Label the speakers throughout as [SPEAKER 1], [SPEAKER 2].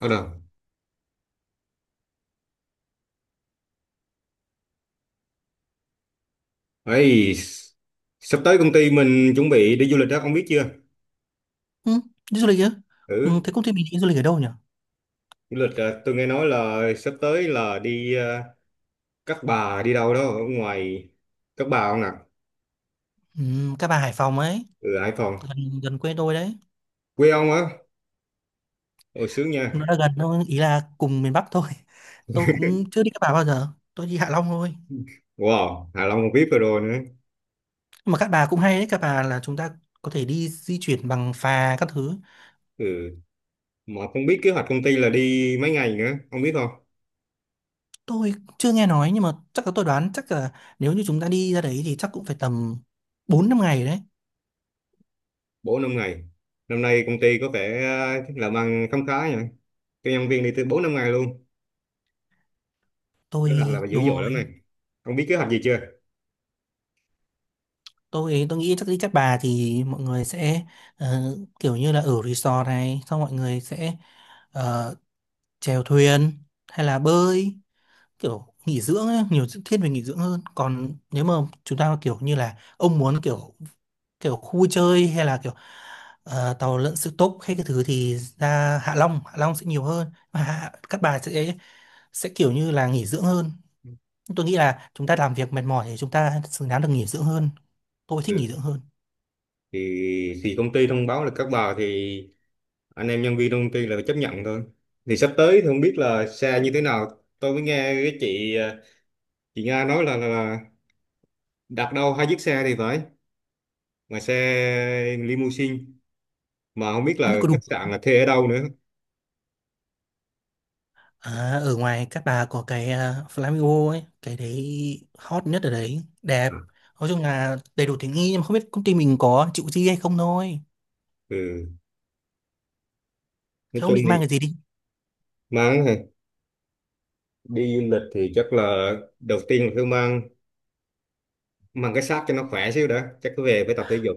[SPEAKER 1] Ờ đâu. Ấy, sắp tới công ty mình chuẩn bị đi du lịch đó, ông biết chưa?
[SPEAKER 2] Ừ, đi du lịch chứ? Ừ,
[SPEAKER 1] Ừ,
[SPEAKER 2] thế công ty mình đi du lịch ở đâu nhỉ?
[SPEAKER 1] du lịch à, tôi nghe nói là sắp tới là đi Cát Bà đi đâu đó ở ngoài Cát Bà không nè?
[SPEAKER 2] Ừ, Các bà Hải Phòng ấy,
[SPEAKER 1] Ừ, Hải Phòng.
[SPEAKER 2] gần gần quê tôi đấy.
[SPEAKER 1] Quê ông á? Ồ, sướng nha.
[SPEAKER 2] Nó là gần thôi, ý là cùng miền Bắc thôi. Tôi cũng chưa đi Cát Bà bao giờ, tôi đi Hạ Long thôi.
[SPEAKER 1] Wow, Hạ Long còn biết rồi rồi nữa.
[SPEAKER 2] Nhưng mà Cát Bà cũng hay đấy, Cát Bà là chúng ta có thể đi di chuyển bằng phà các thứ.
[SPEAKER 1] Ừ, mà không biết kế hoạch công ty là đi mấy ngày nữa, ông biết không?
[SPEAKER 2] Tôi chưa nghe nói nhưng mà chắc là tôi đoán chắc là nếu như chúng ta đi ra đấy thì chắc cũng phải tầm bốn năm ngày đấy.
[SPEAKER 1] Bốn năm ngày. Năm nay công ty có vẻ làm ăn khấm khá nhỉ. Cho nhân viên đi từ 4 năm ngày luôn. Kế hoạch là
[SPEAKER 2] Tôi
[SPEAKER 1] dữ
[SPEAKER 2] đúng
[SPEAKER 1] dội
[SPEAKER 2] rồi.
[SPEAKER 1] lắm này. Ông biết kế hoạch gì chưa?
[SPEAKER 2] Tôi nghĩ chắc đi Cát Bà thì mọi người sẽ kiểu như là ở resort này, xong mọi người sẽ ờ, chèo thuyền hay là bơi kiểu nghỉ dưỡng ấy, nhiều thiết về nghỉ dưỡng hơn. Còn nếu mà chúng ta kiểu như là ông muốn kiểu kiểu khu vui chơi hay là kiểu tàu lượn siêu tốc hay cái thứ thì ra Hạ Long sẽ nhiều hơn mà Cát Bà sẽ kiểu như là nghỉ dưỡng hơn. Tôi nghĩ là chúng ta làm việc mệt mỏi thì chúng ta xứng đáng được nghỉ dưỡng hơn, tôi thích nghỉ
[SPEAKER 1] Ừ.
[SPEAKER 2] dưỡng hơn.
[SPEAKER 1] Thì công ty thông báo là các bà, thì anh em nhân viên trong công ty là phải chấp nhận thôi. Thì sắp tới thì không biết là xe như thế nào. Tôi mới nghe cái chị Nga nói là đặt đâu hai chiếc xe thì phải, mà xe limousine, mà không biết
[SPEAKER 2] Không biết
[SPEAKER 1] là
[SPEAKER 2] có đủ.
[SPEAKER 1] khách sạn là thuê ở đâu nữa.
[SPEAKER 2] À, ở ngoài Cát Bà có cái Flamingo ấy, cái đấy hot nhất ở đấy, đẹp. Nói chung là đầy đủ tiện nghi nhưng mà không biết công ty mình có chịu chi hay không thôi.
[SPEAKER 1] Ừ,
[SPEAKER 2] Thế
[SPEAKER 1] nói
[SPEAKER 2] ông
[SPEAKER 1] chung
[SPEAKER 2] định
[SPEAKER 1] thì
[SPEAKER 2] mang cái gì đi?
[SPEAKER 1] mang hả? Đi du lịch thì chắc là đầu tiên là phải mang mang cái xác cho nó khỏe xíu đã, chắc cứ về phải tập thể dục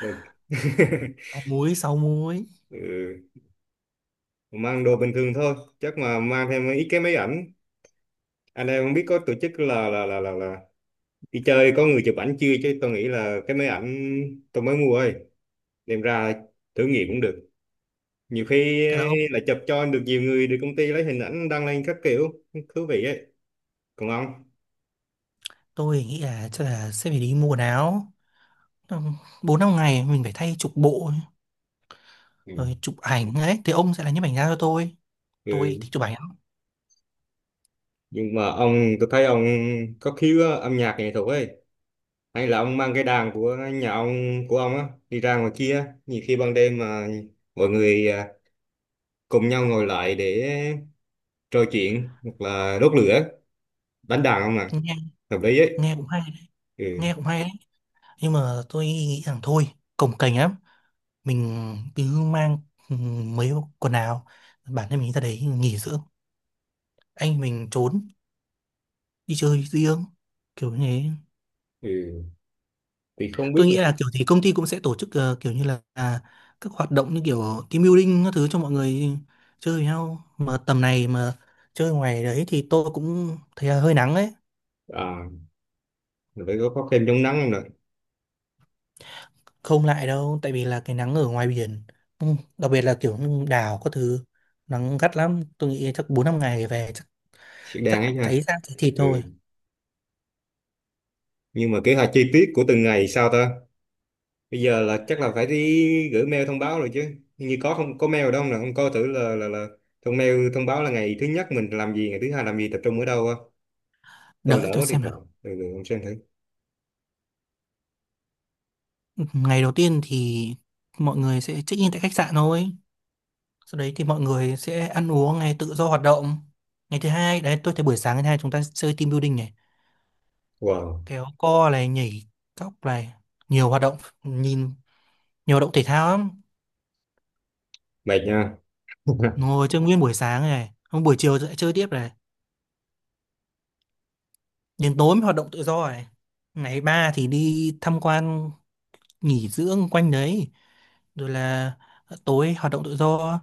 [SPEAKER 1] rồi.
[SPEAKER 2] Sáu múi, sáu múi.
[SPEAKER 1] Ừ, mang đồ bình thường thôi, chắc mà mang thêm ít cái máy ảnh. Anh em không biết có tổ chức là đi chơi có người chụp ảnh chưa, chứ tôi nghĩ là cái máy ảnh tôi mới mua ơi đem ra thử nghiệm cũng được. Nhiều khi
[SPEAKER 2] Thế là ông,
[SPEAKER 1] là chụp cho được nhiều người, được công ty lấy hình ảnh đăng lên các kiểu thú vị ấy. Còn ông?
[SPEAKER 2] tôi nghĩ là chắc là sẽ phải đi mua quần áo. Ừ, bốn năm ngày mình phải thay chục bộ,
[SPEAKER 1] Ừ.
[SPEAKER 2] rồi chụp ảnh ấy. Thì ông sẽ là nhiếp ảnh gia cho tôi.
[SPEAKER 1] Ừ,
[SPEAKER 2] Tôi thích chụp ảnh lắm.
[SPEAKER 1] nhưng mà ông, tôi thấy ông có khiếu á, âm nhạc nghệ thuật ấy, hay là ông mang cái đàn của nhà ông của ông á đi ra ngoài kia. Nhiều khi ban đêm mà mọi người cùng nhau ngồi lại để trò chuyện hoặc là đốt lửa đánh đàn không ạ,
[SPEAKER 2] Nghe,
[SPEAKER 1] hợp lý ấy.
[SPEAKER 2] nghe cũng hay đấy.
[SPEAKER 1] Ừ,
[SPEAKER 2] Nghe cũng hay đấy. Nhưng mà tôi nghĩ rằng thôi, cồng kềnh lắm, mình cứ mang ừ, mấy quần áo bản thân mình ra đấy nghỉ dưỡng, anh mình trốn đi chơi riêng kiểu như thế.
[SPEAKER 1] ừ, thì không biết
[SPEAKER 2] Tôi nghĩ
[SPEAKER 1] là
[SPEAKER 2] là kiểu gì công ty cũng sẽ tổ chức kiểu như là các hoạt động như kiểu team building các thứ cho mọi người chơi với nhau. Mà tầm này mà chơi ngoài đấy thì tôi cũng thấy là hơi nắng ấy,
[SPEAKER 1] à, mình phải có kem chống nắng không nè.
[SPEAKER 2] không lại đâu tại vì là cái nắng ở ngoài biển, ừ, đặc biệt là kiểu như đảo các thứ nắng gắt lắm. Tôi nghĩ chắc bốn năm ngày về chắc
[SPEAKER 1] Sẽ đáng
[SPEAKER 2] chắc
[SPEAKER 1] ấy
[SPEAKER 2] cháy
[SPEAKER 1] nha.
[SPEAKER 2] ra thì thịt
[SPEAKER 1] Ừ,
[SPEAKER 2] thôi.
[SPEAKER 1] nhưng mà kế hoạch chi tiết của từng ngày sao ta. Bây giờ là chắc là phải đi gửi mail thông báo rồi chứ. Hình như có không có mail đâu nè, không coi thử là thông mail thông báo là ngày thứ nhất mình làm gì, ngày thứ hai làm gì, tập trung ở đâu á. Tôi lỡ
[SPEAKER 2] Đợi tôi
[SPEAKER 1] mất điện
[SPEAKER 2] xem là.
[SPEAKER 1] thoại. Ừ, ừ, không xem thử.
[SPEAKER 2] Ngày đầu tiên thì mọi người sẽ check-in tại khách sạn thôi. Sau đấy thì mọi người sẽ ăn uống này, tự do hoạt động. Ngày thứ hai, đấy tôi thấy buổi sáng ngày thứ hai chúng ta chơi team building này,
[SPEAKER 1] Wow.
[SPEAKER 2] kéo co này, nhảy cóc này, nhiều hoạt động, nhìn nhiều hoạt động thể thao lắm.
[SPEAKER 1] Mệt nha.
[SPEAKER 2] Ngồi chơi nguyên buổi sáng này, hôm buổi chiều lại chơi tiếp này, đến tối mới hoạt động tự do này. Ngày ba thì đi tham quan nghỉ dưỡng quanh đấy, rồi là tối hoạt động tự do.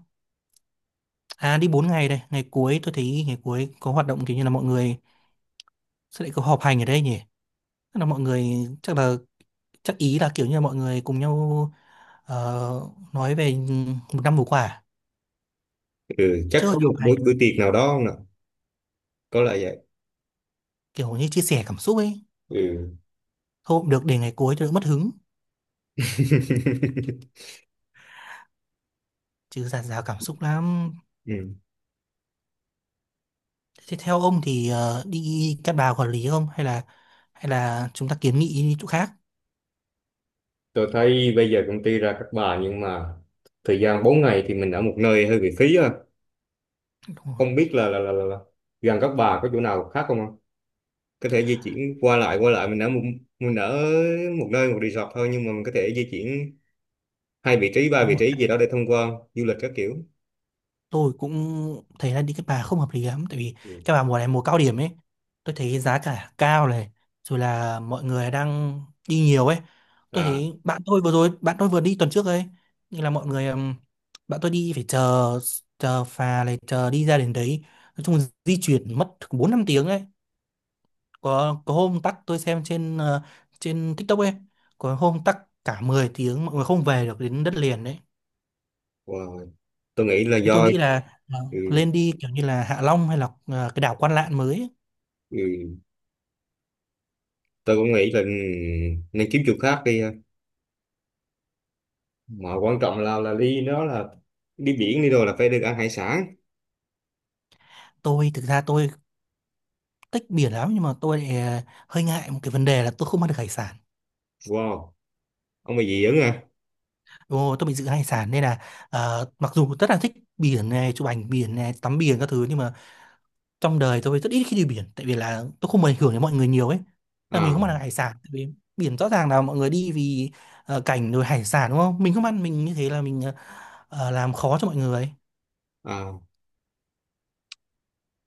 [SPEAKER 2] À đi 4 ngày đây, ngày cuối tôi thấy ngày cuối có hoạt động kiểu như là mọi người. Sao lại có họp hành ở đây nhỉ? Chắc là mọi người, chắc là, chắc ý là kiểu như là mọi người cùng nhau ờ, nói về một năm vừa qua à?
[SPEAKER 1] Ừ, chắc
[SPEAKER 2] Chứ không
[SPEAKER 1] có một
[SPEAKER 2] họp hành,
[SPEAKER 1] buổi buổi tiệc nào đó không nè. Có lẽ vậy.
[SPEAKER 2] kiểu như chia sẻ cảm xúc ấy.
[SPEAKER 1] Ừ.
[SPEAKER 2] Thôi cũng được để ngày cuối cho đỡ mất hứng, chứ dạt dào cảm xúc lắm.
[SPEAKER 1] Ừ.
[SPEAKER 2] Thế theo ông thì đi Cát Bà quản lý không hay là hay là chúng ta kiến nghị đi chỗ khác.
[SPEAKER 1] Tôi thấy bây giờ công ty ra các bà nhưng mà thời gian 4 ngày thì mình ở một nơi hơi bị phí ha.
[SPEAKER 2] Đúng rồi.
[SPEAKER 1] Không biết là gần các bà có chỗ nào khác không ạ? Có thể di chuyển qua lại, qua lại mình ở một nơi, một resort thôi, nhưng mà mình có thể di chuyển hai vị trí ba
[SPEAKER 2] Nếu
[SPEAKER 1] vị
[SPEAKER 2] mà
[SPEAKER 1] trí gì đó để thông qua du lịch các kiểu.
[SPEAKER 2] tôi cũng thấy là đi cái Bà không hợp lý lắm tại vì
[SPEAKER 1] Ừ.
[SPEAKER 2] cái Bà mùa này mùa cao điểm ấy, tôi thấy giá cả cao này, rồi là mọi người đang đi nhiều ấy. Tôi
[SPEAKER 1] À,
[SPEAKER 2] thấy bạn tôi vừa rồi bạn tôi vừa đi tuần trước ấy, nhưng là mọi người bạn tôi đi phải chờ chờ phà này chờ đi ra đến đấy, nói chung di chuyển mất bốn năm tiếng ấy. Có hôm tắc, tôi xem trên trên TikTok ấy, có hôm tắc cả 10 tiếng mọi người không về được đến đất liền đấy.
[SPEAKER 1] wow. Tôi nghĩ là
[SPEAKER 2] Thế tôi
[SPEAKER 1] do
[SPEAKER 2] nghĩ là
[SPEAKER 1] ừ,
[SPEAKER 2] lên đi kiểu như là Hạ Long hay là cái đảo Quan Lạn mới ấy.
[SPEAKER 1] ừ, tôi cũng nghĩ là nên kiếm chỗ khác đi ha. Mà quan trọng là đi đó là đi biển đi rồi là phải được ăn hải sản.
[SPEAKER 2] Tôi thực ra tôi thích biển lắm nhưng mà tôi lại hơi ngại một cái vấn đề là tôi không ăn được hải sản.
[SPEAKER 1] Wow, ông bà dị ứng à?
[SPEAKER 2] Ồ, tôi bị dị ứng hải sản nên là mặc dù rất là thích biển này, chụp ảnh biển này, tắm biển các thứ nhưng mà trong đời tôi rất ít khi đi biển tại vì là tôi không muốn ảnh hưởng đến mọi người nhiều ấy. Là mình không
[SPEAKER 1] À,
[SPEAKER 2] ăn được hải sản tại vì biển rõ ràng là mọi người đi vì cảnh rồi hải sản đúng không? Mình không ăn mình như thế là mình làm khó cho mọi người.
[SPEAKER 1] à,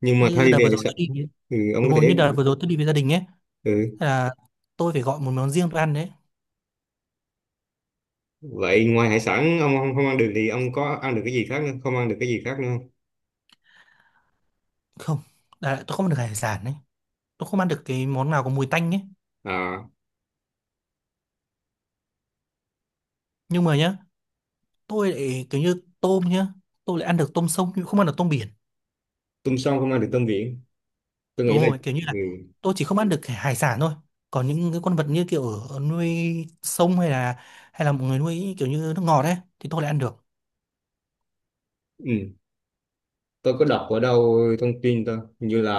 [SPEAKER 1] nhưng mà thay
[SPEAKER 2] Như đợt
[SPEAKER 1] vì
[SPEAKER 2] vừa
[SPEAKER 1] hải
[SPEAKER 2] rồi
[SPEAKER 1] sản,
[SPEAKER 2] tôi đi
[SPEAKER 1] ừ, ông
[SPEAKER 2] đúng
[SPEAKER 1] có
[SPEAKER 2] rồi
[SPEAKER 1] thể.
[SPEAKER 2] như đợt vừa rồi tôi đi với gia đình ấy,
[SPEAKER 1] Ừ,
[SPEAKER 2] là tôi phải gọi một món riêng tôi ăn đấy.
[SPEAKER 1] vậy ngoài hải sản ông không ăn được thì ông có ăn được cái gì khác nữa, không ăn được cái gì khác nữa không?
[SPEAKER 2] Không là tôi không ăn được hải sản đấy, tôi không ăn được cái món nào có mùi tanh ấy.
[SPEAKER 1] À,
[SPEAKER 2] Nhưng mà nhá, tôi lại kiểu như tôm nhá, tôi lại ăn được tôm sông nhưng không ăn được tôm biển.
[SPEAKER 1] tôm sông không ăn được tôm biển. Tôi
[SPEAKER 2] Đúng
[SPEAKER 1] nghĩ là
[SPEAKER 2] rồi kiểu như
[SPEAKER 1] ừ.
[SPEAKER 2] là tôi chỉ không ăn được cái hải sản thôi, còn những cái con vật như kiểu ở nuôi sông hay là một người nuôi kiểu như nước ngọt ấy thì tôi lại ăn được.
[SPEAKER 1] Ừ, tôi có đọc ở đâu thông tin tôi hình như là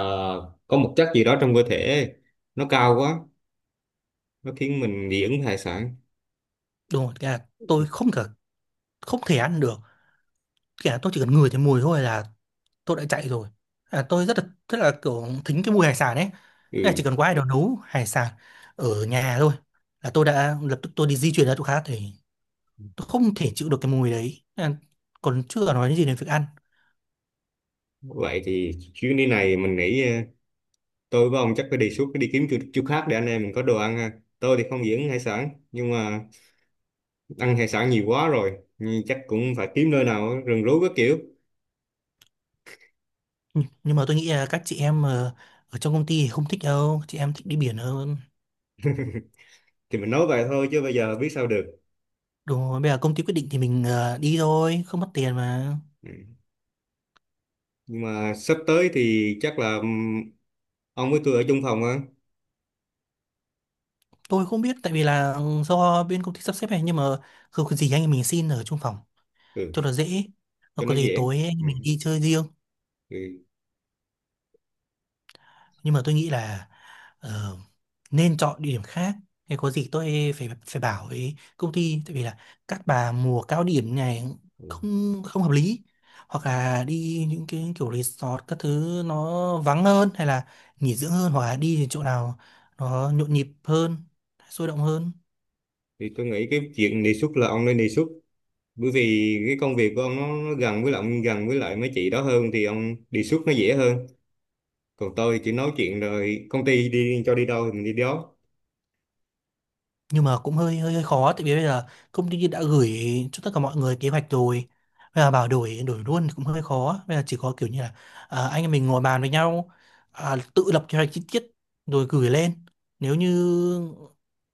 [SPEAKER 1] có một chất gì đó trong cơ thể nó cao quá, nó khiến mình dị ứng với hải sản.
[SPEAKER 2] Đúng rồi cái là tôi không cả không thể ăn được, kể là tôi chỉ cần ngửi thấy mùi thôi là tôi đã chạy rồi. À, tôi rất là kiểu thính cái mùi hải sản ấy. Thế là
[SPEAKER 1] Ừ,
[SPEAKER 2] chỉ cần có ai đó nấu hải sản ở nhà thôi là tôi đã lập tức tôi đi di chuyển ra chỗ khác thì tôi không thể chịu được cái mùi đấy, còn chưa nói đến gì đến việc ăn.
[SPEAKER 1] vậy thì chuyến đi này mình nghĩ tôi với ông chắc phải đề xuất đi kiếm chỗ khác để anh em mình có đồ ăn ha. Tôi thì không dị ứng hải sản nhưng mà ăn hải sản nhiều quá rồi, nhưng chắc cũng phải kiếm nơi nào rừng rú các kiểu.
[SPEAKER 2] Nhưng mà tôi nghĩ là các chị em ở trong công ty thì không thích đâu, chị em thích đi biển hơn.
[SPEAKER 1] Thì mình nói vậy thôi chứ bây giờ biết sao được.
[SPEAKER 2] Đúng rồi bây giờ công ty quyết định thì mình đi thôi không mất tiền mà.
[SPEAKER 1] Ừ, nhưng mà sắp tới thì chắc là ông với tôi ở chung phòng á.
[SPEAKER 2] Tôi không biết tại vì là ừ, do bên công ty sắp xếp này nhưng mà không có gì anh em mình xin ở chung phòng
[SPEAKER 1] Ừ,
[SPEAKER 2] cho nó dễ, nó
[SPEAKER 1] cho nó
[SPEAKER 2] có gì
[SPEAKER 1] dễ.
[SPEAKER 2] tối anh
[SPEAKER 1] Ừ.
[SPEAKER 2] em mình đi chơi riêng.
[SPEAKER 1] Thì,
[SPEAKER 2] Nhưng mà tôi nghĩ là ờ, nên chọn địa điểm khác, hay có gì tôi phải phải bảo với công ty tại vì là các bà mùa cao điểm này
[SPEAKER 1] ừ,
[SPEAKER 2] không không hợp lý, hoặc là đi những cái kiểu resort các thứ nó vắng hơn hay là nghỉ dưỡng hơn, hoặc là đi những chỗ nào nó nhộn nhịp hơn sôi động hơn.
[SPEAKER 1] thì tôi nghĩ cái chuyện đề xuất là ông nên đề xuất, bởi vì cái công việc của ông nó gần với lại ông, gần với lại mấy chị đó hơn, thì ông đề xuất nó dễ hơn. Còn tôi chỉ nói chuyện rồi công ty đi cho đi đâu thì mình đi đó.
[SPEAKER 2] Nhưng mà cũng hơi hơi hơi khó tại vì bây giờ công ty đã gửi cho tất cả mọi người kế hoạch rồi, bây giờ bảo đổi đổi luôn thì cũng hơi khó. Bây giờ chỉ có kiểu như là anh em mình ngồi bàn với nhau, tự lập kế hoạch chi tiết rồi gửi lên, nếu như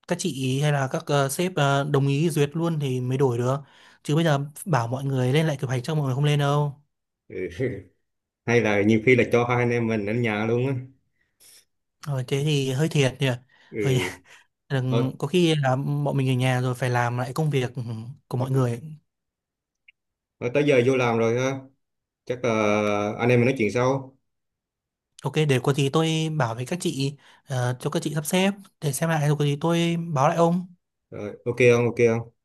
[SPEAKER 2] các chị hay là các sếp đồng ý duyệt luôn thì mới đổi được, chứ bây giờ bảo mọi người lên lại kế hoạch cho mọi người không lên đâu.
[SPEAKER 1] Ừ. Hay là nhiều khi là cho hai anh em mình ở nhà luôn á.
[SPEAKER 2] Rồi thế thì hơi thiệt nhỉ, ở nhà
[SPEAKER 1] Ừ, thôi. Ừ.
[SPEAKER 2] có khi là bọn mình ở nhà rồi phải làm lại công việc của mọi người.
[SPEAKER 1] Ờ, tới giờ vô làm rồi ha, chắc là anh em mình nói chuyện sau.
[SPEAKER 2] Ok, để có gì tôi bảo với các chị cho các chị sắp xếp để xem lại rồi có gì tôi báo lại ông.
[SPEAKER 1] Rồi, ok không, ok không.